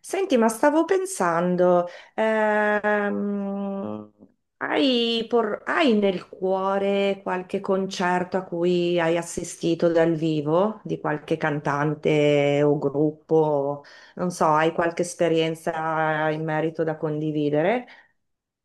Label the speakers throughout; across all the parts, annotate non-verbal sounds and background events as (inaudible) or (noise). Speaker 1: Senti, ma stavo pensando, ehm, hai nel cuore qualche concerto a cui hai assistito dal vivo di qualche cantante o gruppo? Non so, hai qualche esperienza in merito da condividere?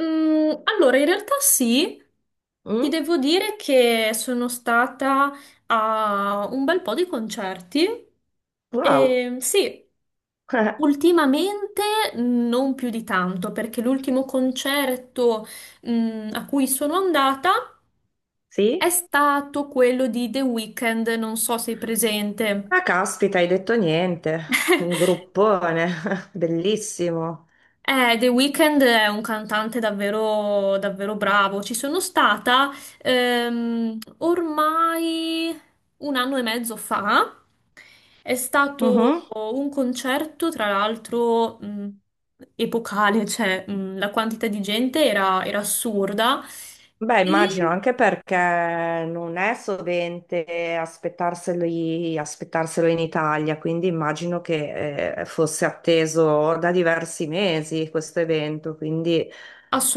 Speaker 2: Allora, in realtà sì, ti
Speaker 1: Mm?
Speaker 2: devo dire che sono stata a un bel po' di concerti
Speaker 1: Wow,
Speaker 2: e sì,
Speaker 1: (laughs)
Speaker 2: ultimamente non più di tanto, perché l'ultimo concerto, a cui sono andata è
Speaker 1: sì?
Speaker 2: stato quello di The Weeknd, non so se sei presente.
Speaker 1: Ah, caspita, hai detto niente, un
Speaker 2: (laughs)
Speaker 1: gruppone, (laughs) bellissimo.
Speaker 2: The Weeknd è un cantante davvero, davvero bravo. Ci sono stata ormai un anno e mezzo fa. È stato
Speaker 1: Mhm.
Speaker 2: un concerto, tra l'altro, epocale, cioè la quantità di gente era assurda.
Speaker 1: Beh, immagino
Speaker 2: E
Speaker 1: anche perché non è sovente aspettarselo in Italia, quindi immagino che fosse atteso da diversi mesi questo evento, quindi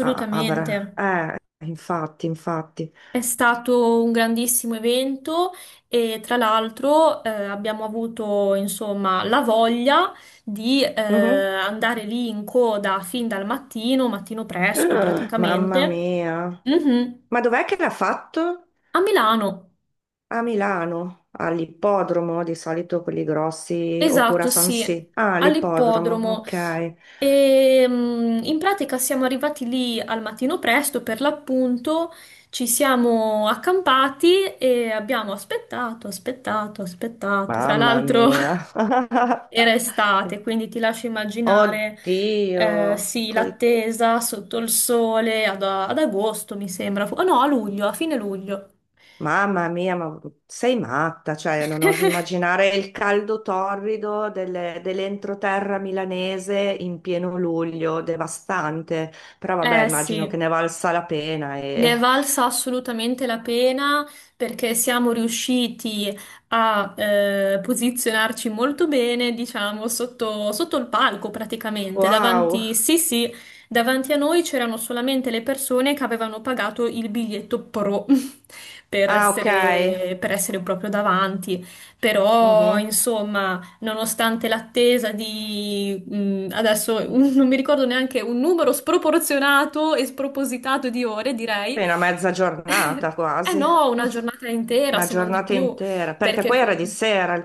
Speaker 1: ah, avrà... infatti, infatti.
Speaker 2: È stato un grandissimo evento e tra l'altro abbiamo avuto insomma la voglia di
Speaker 1: Mhm.
Speaker 2: andare lì in coda fin dal mattino, mattino presto
Speaker 1: Ah, mamma
Speaker 2: praticamente.
Speaker 1: mia.
Speaker 2: Mhm.
Speaker 1: Ma dov'è che l'ha fatto?
Speaker 2: A Milano,
Speaker 1: A Milano, all'ippodromo, di solito quelli grossi, oppure a
Speaker 2: esatto,
Speaker 1: San
Speaker 2: sì,
Speaker 1: Siro. Ah, all'ippodromo,
Speaker 2: all'ippodromo.
Speaker 1: ok.
Speaker 2: E in pratica siamo arrivati lì al mattino presto, per l'appunto, ci siamo accampati e abbiamo aspettato, aspettato, aspettato. Tra
Speaker 1: Mamma
Speaker 2: l'altro
Speaker 1: mia.
Speaker 2: (laughs) era
Speaker 1: (laughs)
Speaker 2: estate, quindi ti lascio immaginare,
Speaker 1: Oddio.
Speaker 2: sì, l'attesa sotto il sole ad agosto, mi sembra. Oh no, a luglio, a fine luglio.
Speaker 1: Mamma mia, ma sei matta, cioè non oso
Speaker 2: (laughs)
Speaker 1: immaginare il caldo torrido dell'entroterra milanese in pieno luglio, devastante. Però vabbè,
Speaker 2: Eh
Speaker 1: immagino che
Speaker 2: sì.
Speaker 1: ne valsa la pena e...
Speaker 2: Ne è valsa assolutamente la pena perché siamo riusciti a posizionarci molto bene, diciamo, sotto il palco praticamente.
Speaker 1: Wow.
Speaker 2: Davanti, sì, sì, davanti a noi c'erano solamente le persone che avevano pagato il biglietto pro (laughs) per
Speaker 1: Ah, ok.
Speaker 2: essere, per essere proprio davanti. Però,
Speaker 1: Mhm.
Speaker 2: insomma nonostante l'attesa di, adesso (laughs) non mi ricordo neanche un numero sproporzionato e spropositato di ore, direi.
Speaker 1: Appena mezza giornata
Speaker 2: (laughs) Eh
Speaker 1: quasi.
Speaker 2: no,
Speaker 1: (laughs)
Speaker 2: una giornata intera,
Speaker 1: Una
Speaker 2: se non di
Speaker 1: giornata
Speaker 2: più,
Speaker 1: intera, perché
Speaker 2: perché
Speaker 1: poi era di sera il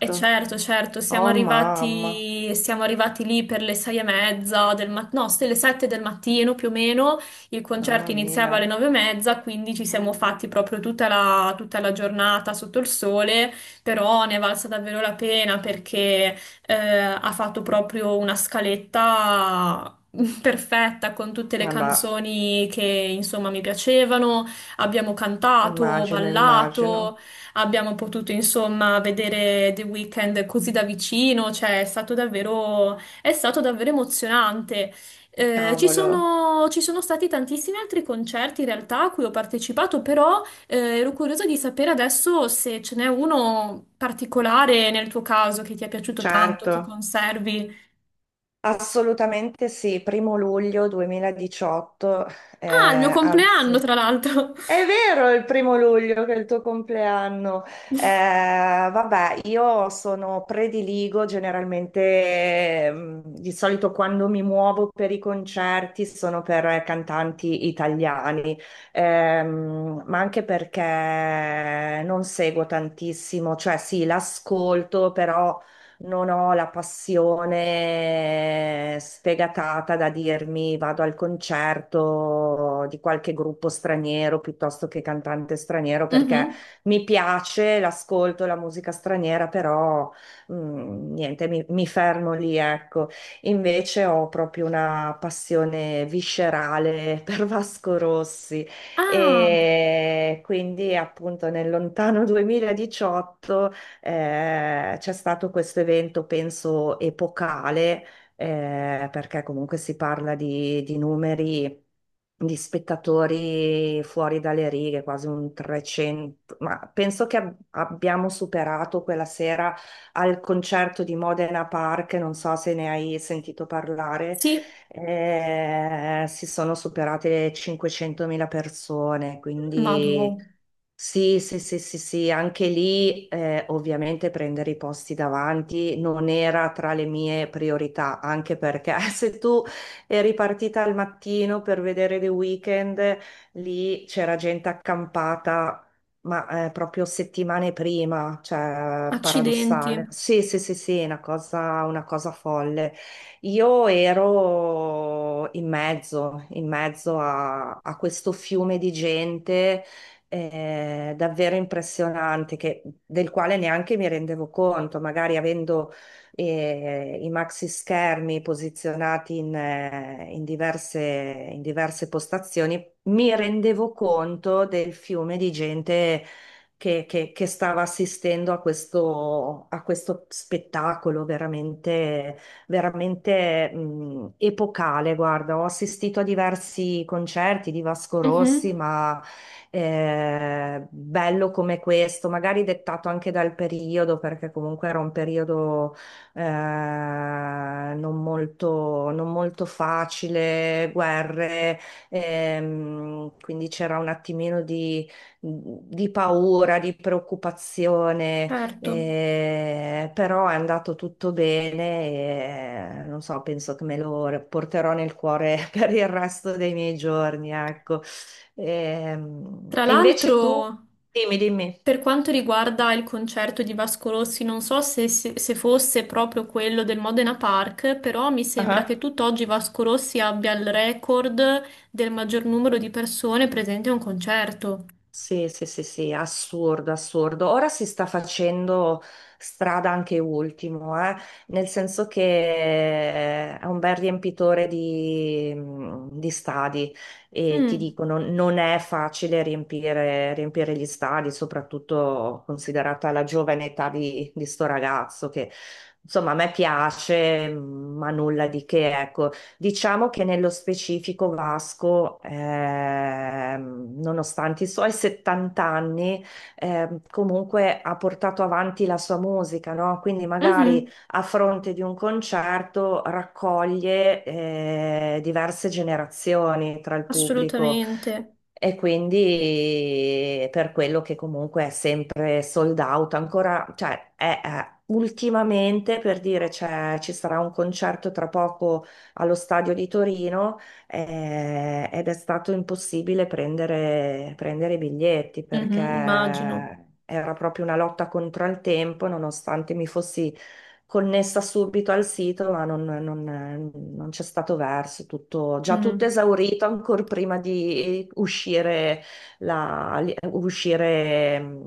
Speaker 2: e certo, certo, siamo
Speaker 1: Oh mamma.
Speaker 2: arrivati, siamo arrivati lì per le 6:30 del mattino, no, le 7 del mattino più o meno, il
Speaker 1: Mamma
Speaker 2: concerto
Speaker 1: mia,
Speaker 2: iniziava alle 9:30, quindi ci siamo fatti proprio tutta la giornata sotto il sole, però ne è valsa davvero la pena perché ha fatto proprio una scaletta (laughs) perfetta con tutte le
Speaker 1: vabbè,
Speaker 2: canzoni che insomma mi piacevano, abbiamo cantato,
Speaker 1: immagino,
Speaker 2: ballato.
Speaker 1: immagino,
Speaker 2: Abbiamo potuto insomma vedere The Weeknd così da vicino, cioè è stato davvero emozionante. Ci
Speaker 1: cavolo,
Speaker 2: sono, ci sono stati tantissimi altri concerti in realtà a cui ho partecipato, però ero curiosa di sapere adesso se ce n'è uno particolare nel tuo caso che ti è piaciuto tanto, che
Speaker 1: certo,
Speaker 2: conservi.
Speaker 1: assolutamente sì, primo luglio 2018,
Speaker 2: Ah, il mio compleanno,
Speaker 1: anzi,
Speaker 2: tra l'altro.
Speaker 1: è
Speaker 2: (laughs)
Speaker 1: vero, è il primo luglio che è il tuo compleanno. Eh, vabbè, io sono prediligo generalmente, di solito quando mi muovo per i concerti sono per cantanti italiani. Ma anche perché non seguo tantissimo, cioè sì, l'ascolto, però non ho la passione sfegatata da dirmi vado al concerto di qualche gruppo straniero piuttosto che cantante straniero, perché
Speaker 2: Mhm.
Speaker 1: mi piace, l'ascolto, la musica straniera, però niente, mi fermo lì, ecco. Invece ho proprio una passione viscerale (laughs) per Vasco Rossi.
Speaker 2: Ah,
Speaker 1: E quindi appunto nel lontano 2018 c'è stato questo evento, penso, epocale, perché comunque si parla di numeri di spettatori fuori dalle righe, quasi un 300, ma penso che abbiamo superato quella sera al concerto di Modena Park, non so se ne hai sentito parlare.
Speaker 2: sì,
Speaker 1: Si sono superate le 500.000 persone,
Speaker 2: madò,
Speaker 1: quindi sì, sì, sì, sì, sì, anche lì ovviamente prendere i posti davanti non era tra le mie priorità, anche perché (laughs) se tu eri partita al mattino per vedere The Weeknd, lì c'era gente accampata, ma proprio settimane prima, cioè
Speaker 2: accidenti.
Speaker 1: paradossale. Sì, sì, sì, sì, una cosa folle. Io ero in mezzo a questo fiume di gente davvero impressionante, del quale neanche mi rendevo conto, magari avendo i maxi schermi posizionati in diverse postazioni, mi rendevo conto del fiume di gente che stava assistendo a questo spettacolo veramente, veramente epocale. Guarda, ho assistito a diversi concerti di Vasco Rossi,
Speaker 2: Mhm.
Speaker 1: ma bello come questo, magari dettato anche dal periodo, perché comunque era un periodo non molto, non molto facile, guerre, quindi c'era un attimino di paura, di preoccupazione,
Speaker 2: Certo.
Speaker 1: però è andato tutto bene e non so, penso che me lo porterò nel cuore (laughs) per il resto dei miei giorni, ecco.
Speaker 2: Tra
Speaker 1: E, invece tu,
Speaker 2: l'altro,
Speaker 1: dimmi, dimmi.
Speaker 2: per quanto riguarda il concerto di Vasco Rossi, non so se fosse proprio quello del Modena Park, però mi sembra che
Speaker 1: Ah,
Speaker 2: tutt'oggi Vasco Rossi abbia il record del maggior numero di persone presenti a un concerto.
Speaker 1: sì, sì, sì, sì, assurdo, assurdo. Ora si sta facendo strada anche Ultimo, nel senso che è un bel riempitore di stadi, e ti
Speaker 2: Mm.
Speaker 1: dicono non è facile riempire, riempire gli stadi, soprattutto considerata la giovane età di sto ragazzo che insomma a me piace, ma nulla di che, ecco. Diciamo che nello specifico Vasco, nonostante i suoi 70 anni, comunque ha portato avanti la sua musica, no? Quindi magari
Speaker 2: Mhm.
Speaker 1: a fronte di un concerto raccoglie, diverse generazioni tra il pubblico.
Speaker 2: Assolutamente.
Speaker 1: E quindi per quello che comunque è sempre sold out, ancora, cioè ultimamente per dire ci sarà un concerto tra poco allo stadio di Torino, ed è stato impossibile prendere, prendere i biglietti perché
Speaker 2: Mhm, immagino.
Speaker 1: era proprio una lotta contro il tempo, nonostante mi fossi connessa subito al sito, ma non c'è stato verso, tutto, già tutto
Speaker 2: Mm.
Speaker 1: esaurito ancora prima di uscire, la- uscire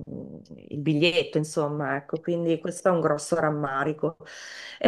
Speaker 1: il biglietto, insomma, ecco, quindi questo è un grosso rammarico.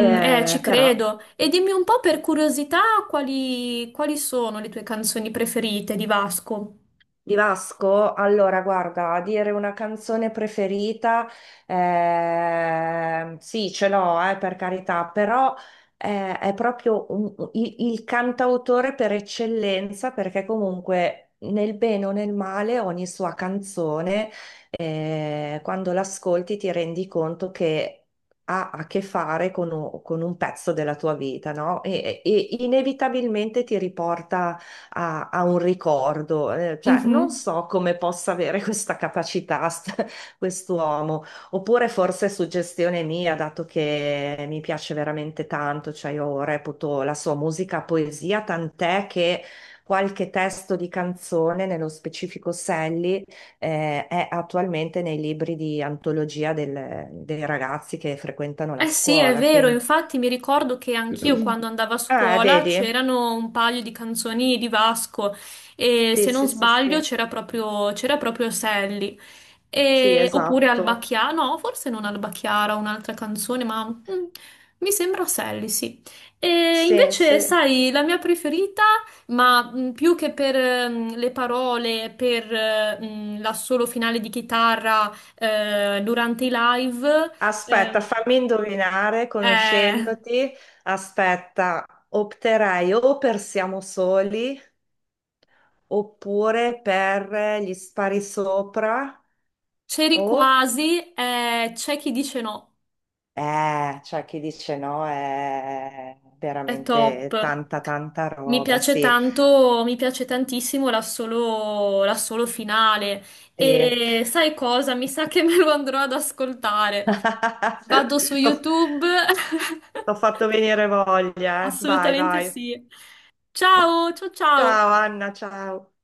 Speaker 2: Mm, ci
Speaker 1: però...
Speaker 2: credo. E dimmi un po' per curiosità quali sono le tue canzoni preferite di Vasco?
Speaker 1: Di Vasco, allora guarda, a dire una canzone preferita, sì, ce l'ho, per carità, però è proprio il cantautore per eccellenza, perché comunque nel bene o nel male ogni sua canzone, quando l'ascolti ti rendi conto che... ha a che fare con un pezzo della tua vita, no? E e inevitabilmente ti riporta a un ricordo, cioè non
Speaker 2: Mhm.
Speaker 1: so come possa avere (laughs) questa capacità (laughs) quest'uomo, oppure forse è suggestione mia, dato che mi piace veramente tanto, cioè io reputo la sua musica poesia, tant'è che qualche testo di canzone, nello specifico Sally, è attualmente nei libri di antologia dei ragazzi che frequentano la
Speaker 2: Eh sì, è
Speaker 1: scuola,
Speaker 2: vero,
Speaker 1: quindi...
Speaker 2: infatti mi ricordo che anch'io quando
Speaker 1: (clears throat)
Speaker 2: andavo a
Speaker 1: Ah,
Speaker 2: scuola
Speaker 1: vedi?
Speaker 2: c'erano un paio di canzoni di Vasco e
Speaker 1: Sì,
Speaker 2: se non
Speaker 1: sì, sì,
Speaker 2: sbaglio
Speaker 1: sì,
Speaker 2: c'era proprio Sally.
Speaker 1: sì,
Speaker 2: Oppure
Speaker 1: esatto.
Speaker 2: Albacchiara, no, forse non Albacchiara, un'altra canzone, ma mi sembra Sally, sì. E
Speaker 1: Sì,
Speaker 2: invece,
Speaker 1: sì.
Speaker 2: sai, la mia preferita, ma più che per le parole, per l'assolo finale di chitarra durante i live.
Speaker 1: Aspetta,
Speaker 2: ehm,
Speaker 1: fammi indovinare,
Speaker 2: eh,
Speaker 1: conoscendoti. Aspetta, opterei o per Siamo soli, oppure per Gli spari sopra,
Speaker 2: C'eri
Speaker 1: o...
Speaker 2: quasi, c'è chi dice no,
Speaker 1: Cioè chi dice no è
Speaker 2: è
Speaker 1: veramente
Speaker 2: top.
Speaker 1: tanta, tanta
Speaker 2: Mi
Speaker 1: roba,
Speaker 2: piace
Speaker 1: sì.
Speaker 2: tanto, mi piace tantissimo l'assolo finale.
Speaker 1: Sì.
Speaker 2: E sai cosa? Mi sa che (laughs) me lo andrò ad ascoltare.
Speaker 1: (laughs)
Speaker 2: Vado su
Speaker 1: T'ho
Speaker 2: YouTube.
Speaker 1: t'ho
Speaker 2: (laughs)
Speaker 1: fatto venire voglia, eh. Vai,
Speaker 2: Assolutamente
Speaker 1: vai.
Speaker 2: sì. Ciao, ciao,
Speaker 1: Ciao
Speaker 2: ciao.
Speaker 1: Anna, ciao.